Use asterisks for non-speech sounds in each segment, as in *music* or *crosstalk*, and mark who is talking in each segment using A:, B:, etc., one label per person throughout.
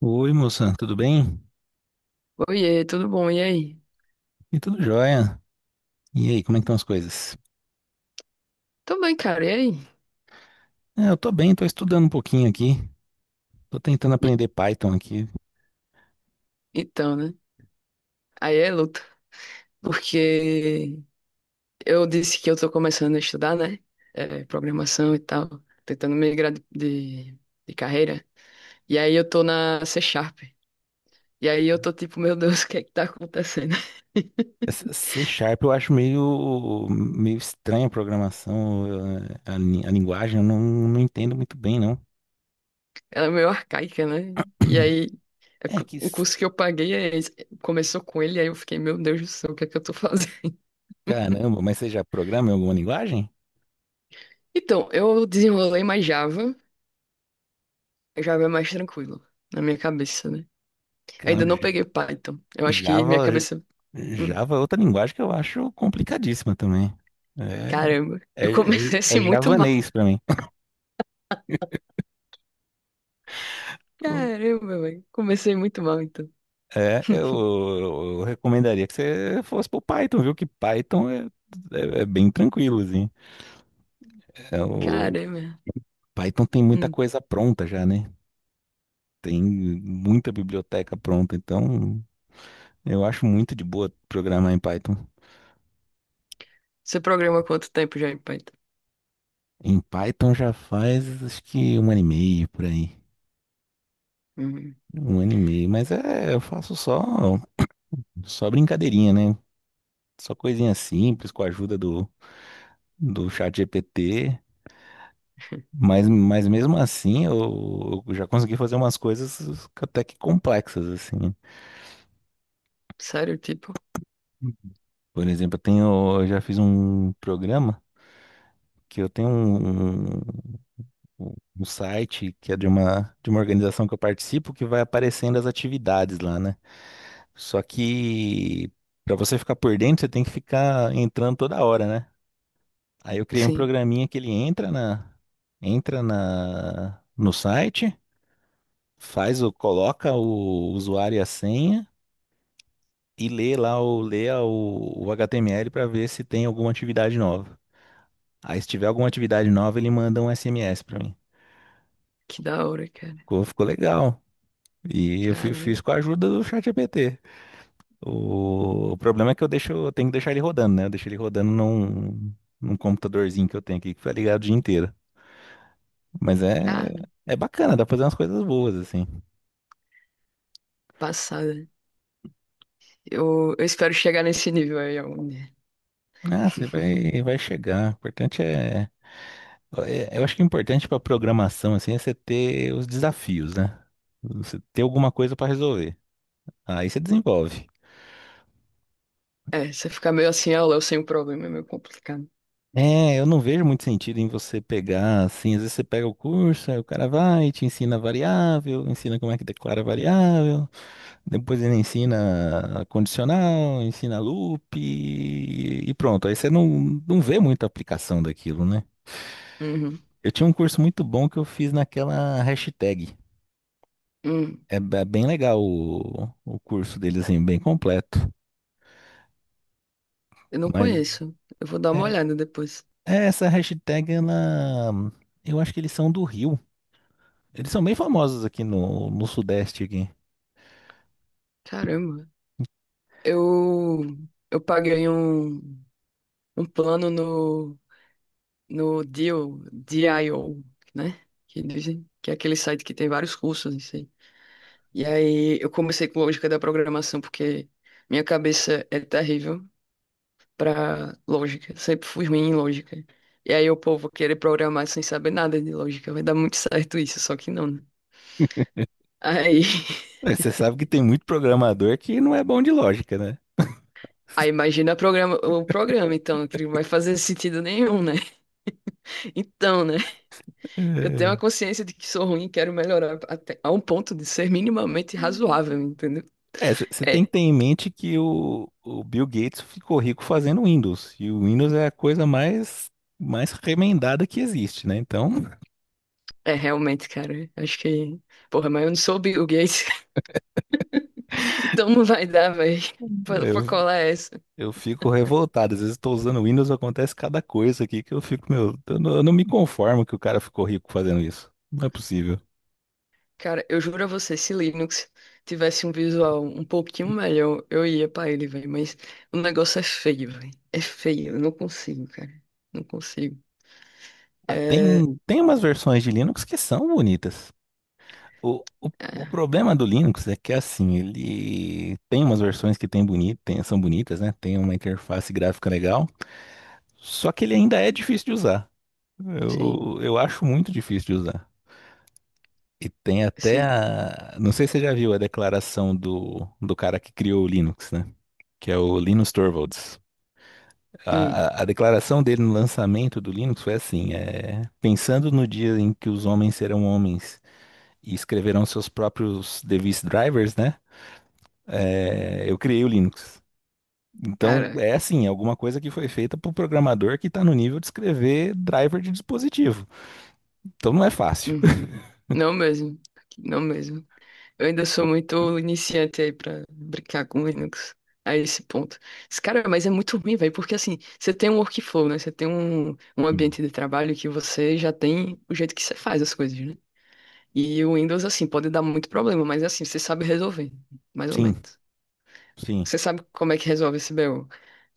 A: Oi, moça, tudo bem?
B: Oiê, tudo bom? E aí?
A: E tudo jóia? E aí, como é que estão as coisas?
B: Tô bem, cara. E aí?
A: É, eu tô bem, tô estudando um pouquinho aqui. Tô tentando
B: E-
A: aprender Python aqui.
B: então, né? Aí é luta. Porque eu disse que eu tô começando a estudar, né? Programação e tal. Tentando migrar de carreira. E aí eu tô na C Sharp. E aí eu tô tipo, meu Deus, *laughs* o que é que tá acontecendo? *laughs*
A: Essa C Sharp eu acho meio estranha a programação, a linguagem, eu não, não entendo muito bem, não.
B: Ela é meio arcaica, né? E
A: *clears throat*
B: aí, é
A: É
B: porque
A: que,
B: o
A: s-
B: curso que eu paguei é esse. Começou com ele, aí eu fiquei, meu Deus do céu, o que é que eu tô fazendo? *laughs*
A: caramba, mas você já programa em alguma linguagem?
B: Então, eu desenrolei mais Java. Já é mais tranquilo, na minha cabeça, né? Eu ainda
A: Caramba,
B: não peguei Python. Eu acho que minha
A: Java,
B: cabeça. Hum,
A: Java é outra linguagem que eu acho complicadíssima também.
B: caramba,
A: É,
B: eu
A: é,
B: comecei *laughs*
A: é, é
B: assim muito mal.
A: javanês pra mim. Eu-
B: Caramba, velho. Comecei muito mal, então.
A: É, eu, eu recomendaria que você fosse pro Python, viu? Que Python é bem tranquilo, assim. É, o
B: Caramba.
A: Python tem muita
B: Hum,
A: coisa pronta já, né? Tem muita biblioteca pronta, então eu acho muito de boa programar em Python.
B: você programa quanto tempo já em Python?
A: Em Python já faz acho que um ano e meio por aí.
B: Hum,
A: Um ano e meio, mas é, eu faço só. Só brincadeirinha, né? Só coisinha simples com a ajuda do chat GPT. Mas mesmo assim, eu já consegui fazer umas coisas até que complexas, assim.
B: sério, tipo?
A: Por exemplo, eu já fiz um programa que eu tenho um um site que é de uma organização que eu participo que vai aparecendo as atividades lá, né? Só que para você ficar por dentro, você tem que ficar entrando toda hora, né? Aí eu criei um
B: Sim,
A: programinha que ele entra na no site, faz o coloca o usuário e a senha e lê o HTML para ver se tem alguma atividade nova. Aí se tiver alguma atividade nova, ele manda um SMS para mim.
B: que da hora, cara.
A: Ficou legal. E eu fi-
B: Caramba,
A: fiz com a ajuda do ChatGPT. O problema é que eu tenho que deixar ele rodando, né? Eu deixo ele rodando num computadorzinho que eu tenho aqui que fica ligado o dia inteiro. Mas é,
B: cara.
A: é bacana, dá pra fazer umas coisas boas, assim.
B: Passada. Eu espero chegar nesse nível aí algum dia.
A: Ah, você
B: *laughs*
A: vai chegar. O importante eu acho que o importante para programação assim é você ter os desafios, né? Você ter alguma coisa para resolver. Aí você desenvolve.
B: É, você ficar meio assim, ah, Léo, sem o problema, é meio complicado.
A: É, eu não vejo muito sentido em você pegar assim, às vezes você pega o curso, aí o cara vai, te ensina variável, ensina como é que declara variável, depois ele ensina condicional, ensina loop e pronto. Aí você não vê muita aplicação daquilo, né?
B: Uhum.
A: Eu tinha um curso muito bom que eu fiz naquela hashtag.
B: Hum,
A: É bem legal o curso deles, assim, bem completo.
B: eu não
A: Mas
B: conheço. Eu vou dar uma
A: é,
B: olhada depois.
A: é essa hashtag, ela. Eu acho que eles são do Rio. Eles são bem famosos aqui no Sudeste aqui.
B: Caramba. Eu, eu paguei um plano no Deal, Dio, né? Que dizem que é aquele site que tem vários cursos, não sei. E aí eu comecei com lógica da programação, porque minha cabeça é terrível pra lógica. Sempre fui ruim em lógica. E aí o povo querer programar sem saber nada de lógica. Vai dar muito certo isso, só que não, né? Aí, *laughs*
A: É, você sabe que tem muito programador que não é bom de lógica, né?
B: aí imagina programa, o programa, então, que não vai fazer sentido nenhum, né? *laughs* Então, né? Eu tenho a
A: É,
B: consciência de que sou ruim e quero melhorar até a um ponto de ser minimamente razoável, entendeu?
A: É, você tem
B: É,
A: que ter em mente que o Bill Gates ficou rico fazendo Windows. E o Windows é a coisa mais remendada que existe, né? Então,
B: é realmente, cara. Acho que. Porra, mas eu não sou o Bill Gates, *laughs* então não vai dar, velho.
A: *laughs*
B: Pra
A: eu-
B: colar essa.
A: Eu fico revoltado. Às vezes estou usando o Windows, acontece cada coisa aqui que eu fico, meu, eu não me conformo que o cara ficou rico fazendo isso. Não é possível.
B: Cara, eu juro a você, se Linux tivesse um visual um pouquinho melhor, eu ia pra ele, velho. Mas o negócio é feio, velho. É feio. Eu não consigo, cara. Não consigo.
A: Ah,
B: É.
A: tem umas versões de Linux que são bonitas. O, o, o
B: É,
A: problema do Linux é que assim, ele tem umas versões que são bonitas, né? Tem uma interface gráfica legal, só que ele ainda é difícil de usar.
B: sim,
A: Eu acho muito difícil de usar. E tem até
B: sim.
A: a. Não sei se você já viu a declaração do cara que criou o Linux, né? Que é o Linus Torvalds.
B: Hum,
A: A declaração dele no lançamento do Linux foi assim: é, pensando no dia em que os homens serão homens e escreverão seus próprios device drivers, né? É, eu criei o Linux. Então,
B: cara.
A: é assim, é alguma coisa que foi feita para o programador que está no nível de escrever driver de dispositivo. Então, não é fácil.
B: Uhum. Não mesmo. Não mesmo. Eu ainda sou muito iniciante aí pra brincar com Linux a esse ponto. Mas, cara, mas é muito ruim, velho, porque assim, você tem um workflow, né? Você tem um
A: Hum.
B: ambiente de trabalho que você já tem o jeito que você faz as coisas, né? E o Windows, assim, pode dar muito problema, mas assim, você sabe resolver, mais ou
A: Sim,
B: menos.
A: sim,
B: Você sabe como é que resolve esse BO.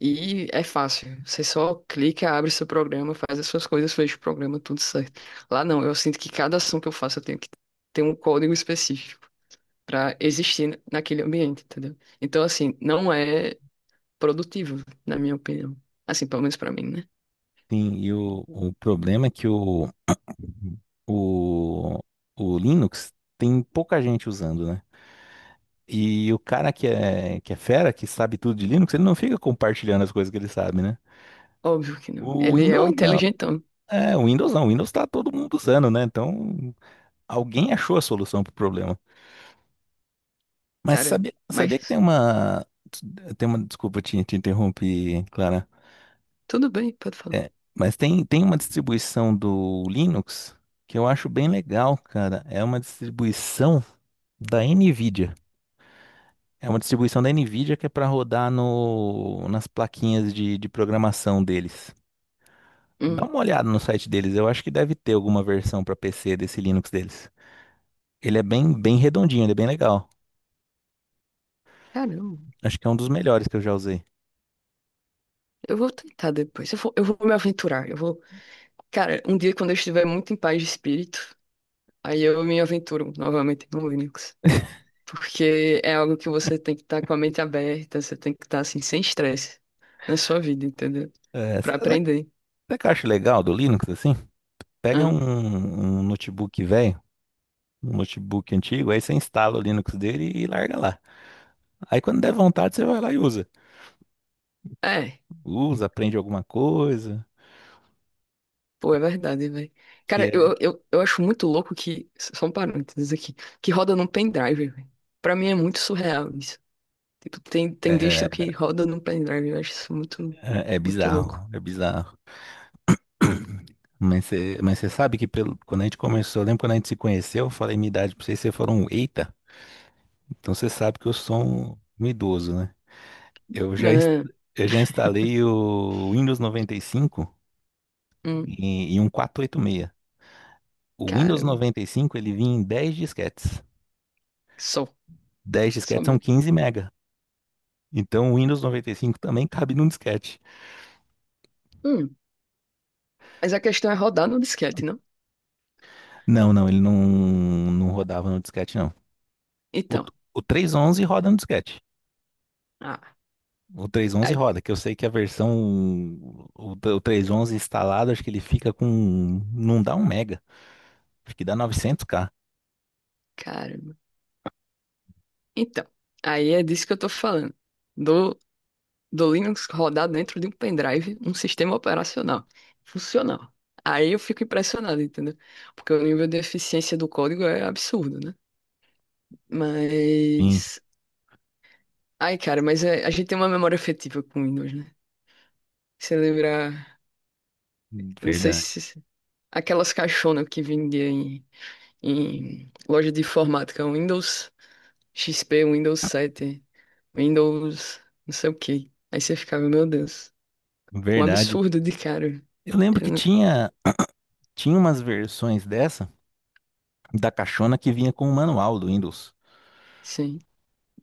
B: E é fácil. Você só clica, abre seu programa, faz as suas coisas, fecha o programa, tudo certo. Lá não, eu sinto que cada ação que eu faço eu tenho que ter um código específico para existir naquele ambiente, entendeu? Então, assim, não é produtivo, na minha opinião. Assim, pelo menos para mim, né?
A: sim. E o problema é que o, o Linux tem pouca gente usando, né? E o cara que é fera, que sabe tudo de Linux, ele não fica compartilhando as coisas que ele sabe, né?
B: Óbvio que não.
A: O
B: Ele é o
A: Windows não.
B: inteligentão,
A: É, o Windows não. O Windows tá todo mundo usando, né? Então, alguém achou a solução pro problema. Mas
B: cara,
A: sabia que tem
B: mas
A: uma. Tem uma. Desculpa, te interrompi, Clara.
B: tudo bem, pode falar.
A: É, mas tem uma distribuição do Linux que eu acho bem legal, cara. É uma distribuição da NVIDIA. É uma distribuição da NVIDIA que é para rodar no, nas plaquinhas de programação deles. Dá
B: Hum,
A: uma olhada no site deles, eu acho que deve ter alguma versão para PC desse Linux deles. Ele é bem redondinho, ele é bem legal.
B: caramba,
A: Acho que é um dos melhores que eu já usei.
B: eu vou tentar depois. Eu vou me aventurar. Cara, um dia quando eu estiver muito em paz de espírito, aí eu me aventuro novamente no Linux. Porque é algo que você tem que estar com a mente aberta, você tem que estar assim, sem estresse na sua vida, entendeu?
A: É,
B: Pra
A: sa- sa- sabe
B: aprender.
A: o que eu acho legal do Linux, assim? Pega
B: Hã?
A: um notebook velho, um notebook antigo, aí você instala o Linux dele e larga lá. Aí quando der vontade, você vai lá e usa.
B: É.
A: Usa, aprende alguma coisa,
B: Pô, é verdade, velho.
A: que
B: Cara, eu acho muito louco que. Só um parênteses aqui. Que roda num pendrive, velho. Pra mim é muito surreal isso. Tipo, tem distro
A: é,
B: que roda num pendrive. Eu acho isso muito,
A: é
B: muito louco.
A: bizarro, é bizarro. *clears throat* Mas você sabe que quando a gente começou, eu lembro quando a gente se conheceu, eu falei minha idade pra vocês, vocês foram, um eita, então você sabe que eu sou um idoso, né? Eu já, ins-
B: Não.
A: eu já instalei o Windows 95
B: Hum,
A: em um 486. O Windows
B: cara.
A: 95 ele vinha em 10 disquetes.
B: Só.
A: 10
B: Só
A: disquetes são
B: mesmo.
A: 15 mega. Então o Windows 95 também cabe num disquete.
B: Hum. Mas a questão é rodar no disquete, não?
A: Não, não, ele não rodava no disquete, não. O,
B: Então.
A: o 311 roda no disquete.
B: Ah.
A: O, três ponto onze
B: Ai,
A: roda, que eu sei que a versão, o 3.11 instalado, acho que ele fica com, não dá um mega, acho que dá 900K
B: caramba. Então. Aí é disso que eu tô falando. Do do Linux rodar dentro de um pendrive, um sistema operacional funcional. Aí eu fico impressionado, entendeu? Porque o nível de eficiência do código é absurdo, né?
A: Sim,
B: Mas. Ai, cara, mas é- a gente tem uma memória afetiva com Windows, né? Você lembra. Eu não sei
A: verdade.
B: se. Aquelas caixonas que vendia em loja de informática, Windows XP, Windows 7, Windows não sei o quê. Aí você ficava, meu Deus, um
A: Verdade.
B: absurdo de cara.
A: Eu lembro
B: Eu
A: que
B: não-
A: tinha umas versões da caixona que vinha com o manual do Windows.
B: Sim.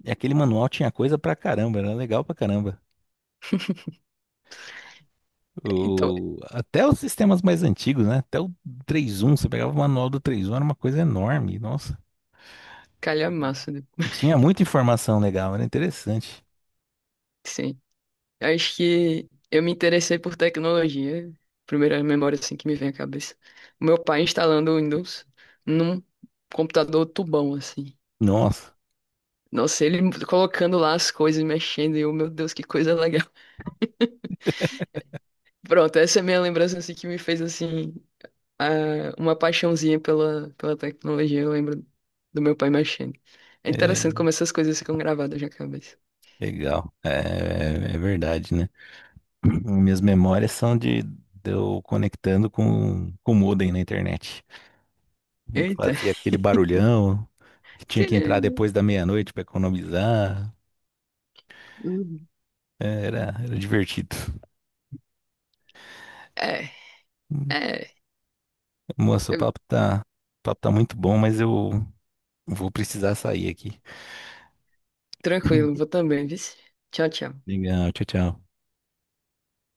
A: E aquele manual tinha coisa pra caramba, era legal pra caramba.
B: Então,
A: Até os sistemas mais antigos, né? Até o 3.1 você pegava o manual do 3.1 era uma coisa enorme, nossa.
B: calhamaço. De-
A: E tinha
B: *laughs* Tipo,
A: muita informação legal, era interessante.
B: sim. Acho que eu me interessei por tecnologia. Primeira memória assim que me vem à cabeça. Meu pai instalando o Windows num computador tubão, assim.
A: Nossa,
B: Nossa, ele colocando lá as coisas, mexendo, e eu, meu Deus, que coisa legal. *laughs* Pronto, essa é a minha lembrança assim, que me fez assim a- uma paixãozinha pela tecnologia. Eu lembro do meu pai mexendo. É
A: é
B: interessante como essas coisas ficam gravadas na cabeça.
A: legal. É verdade, né? *clears throat* Minhas memórias são de eu conectando com o modem na internet.
B: Eita.
A: Fazia aquele barulhão, que
B: *laughs*
A: tinha que entrar
B: Tcharam.
A: depois da meia-noite pra economizar.
B: Uhum.
A: Era divertido.
B: É, é.
A: Moça,
B: Eu-
A: o papo tá muito bom, mas eu vou precisar sair aqui.
B: tranquilo, vou
A: *clears throat*
B: também, viu? Tchau, tchau.
A: Legal, tchau, tchau.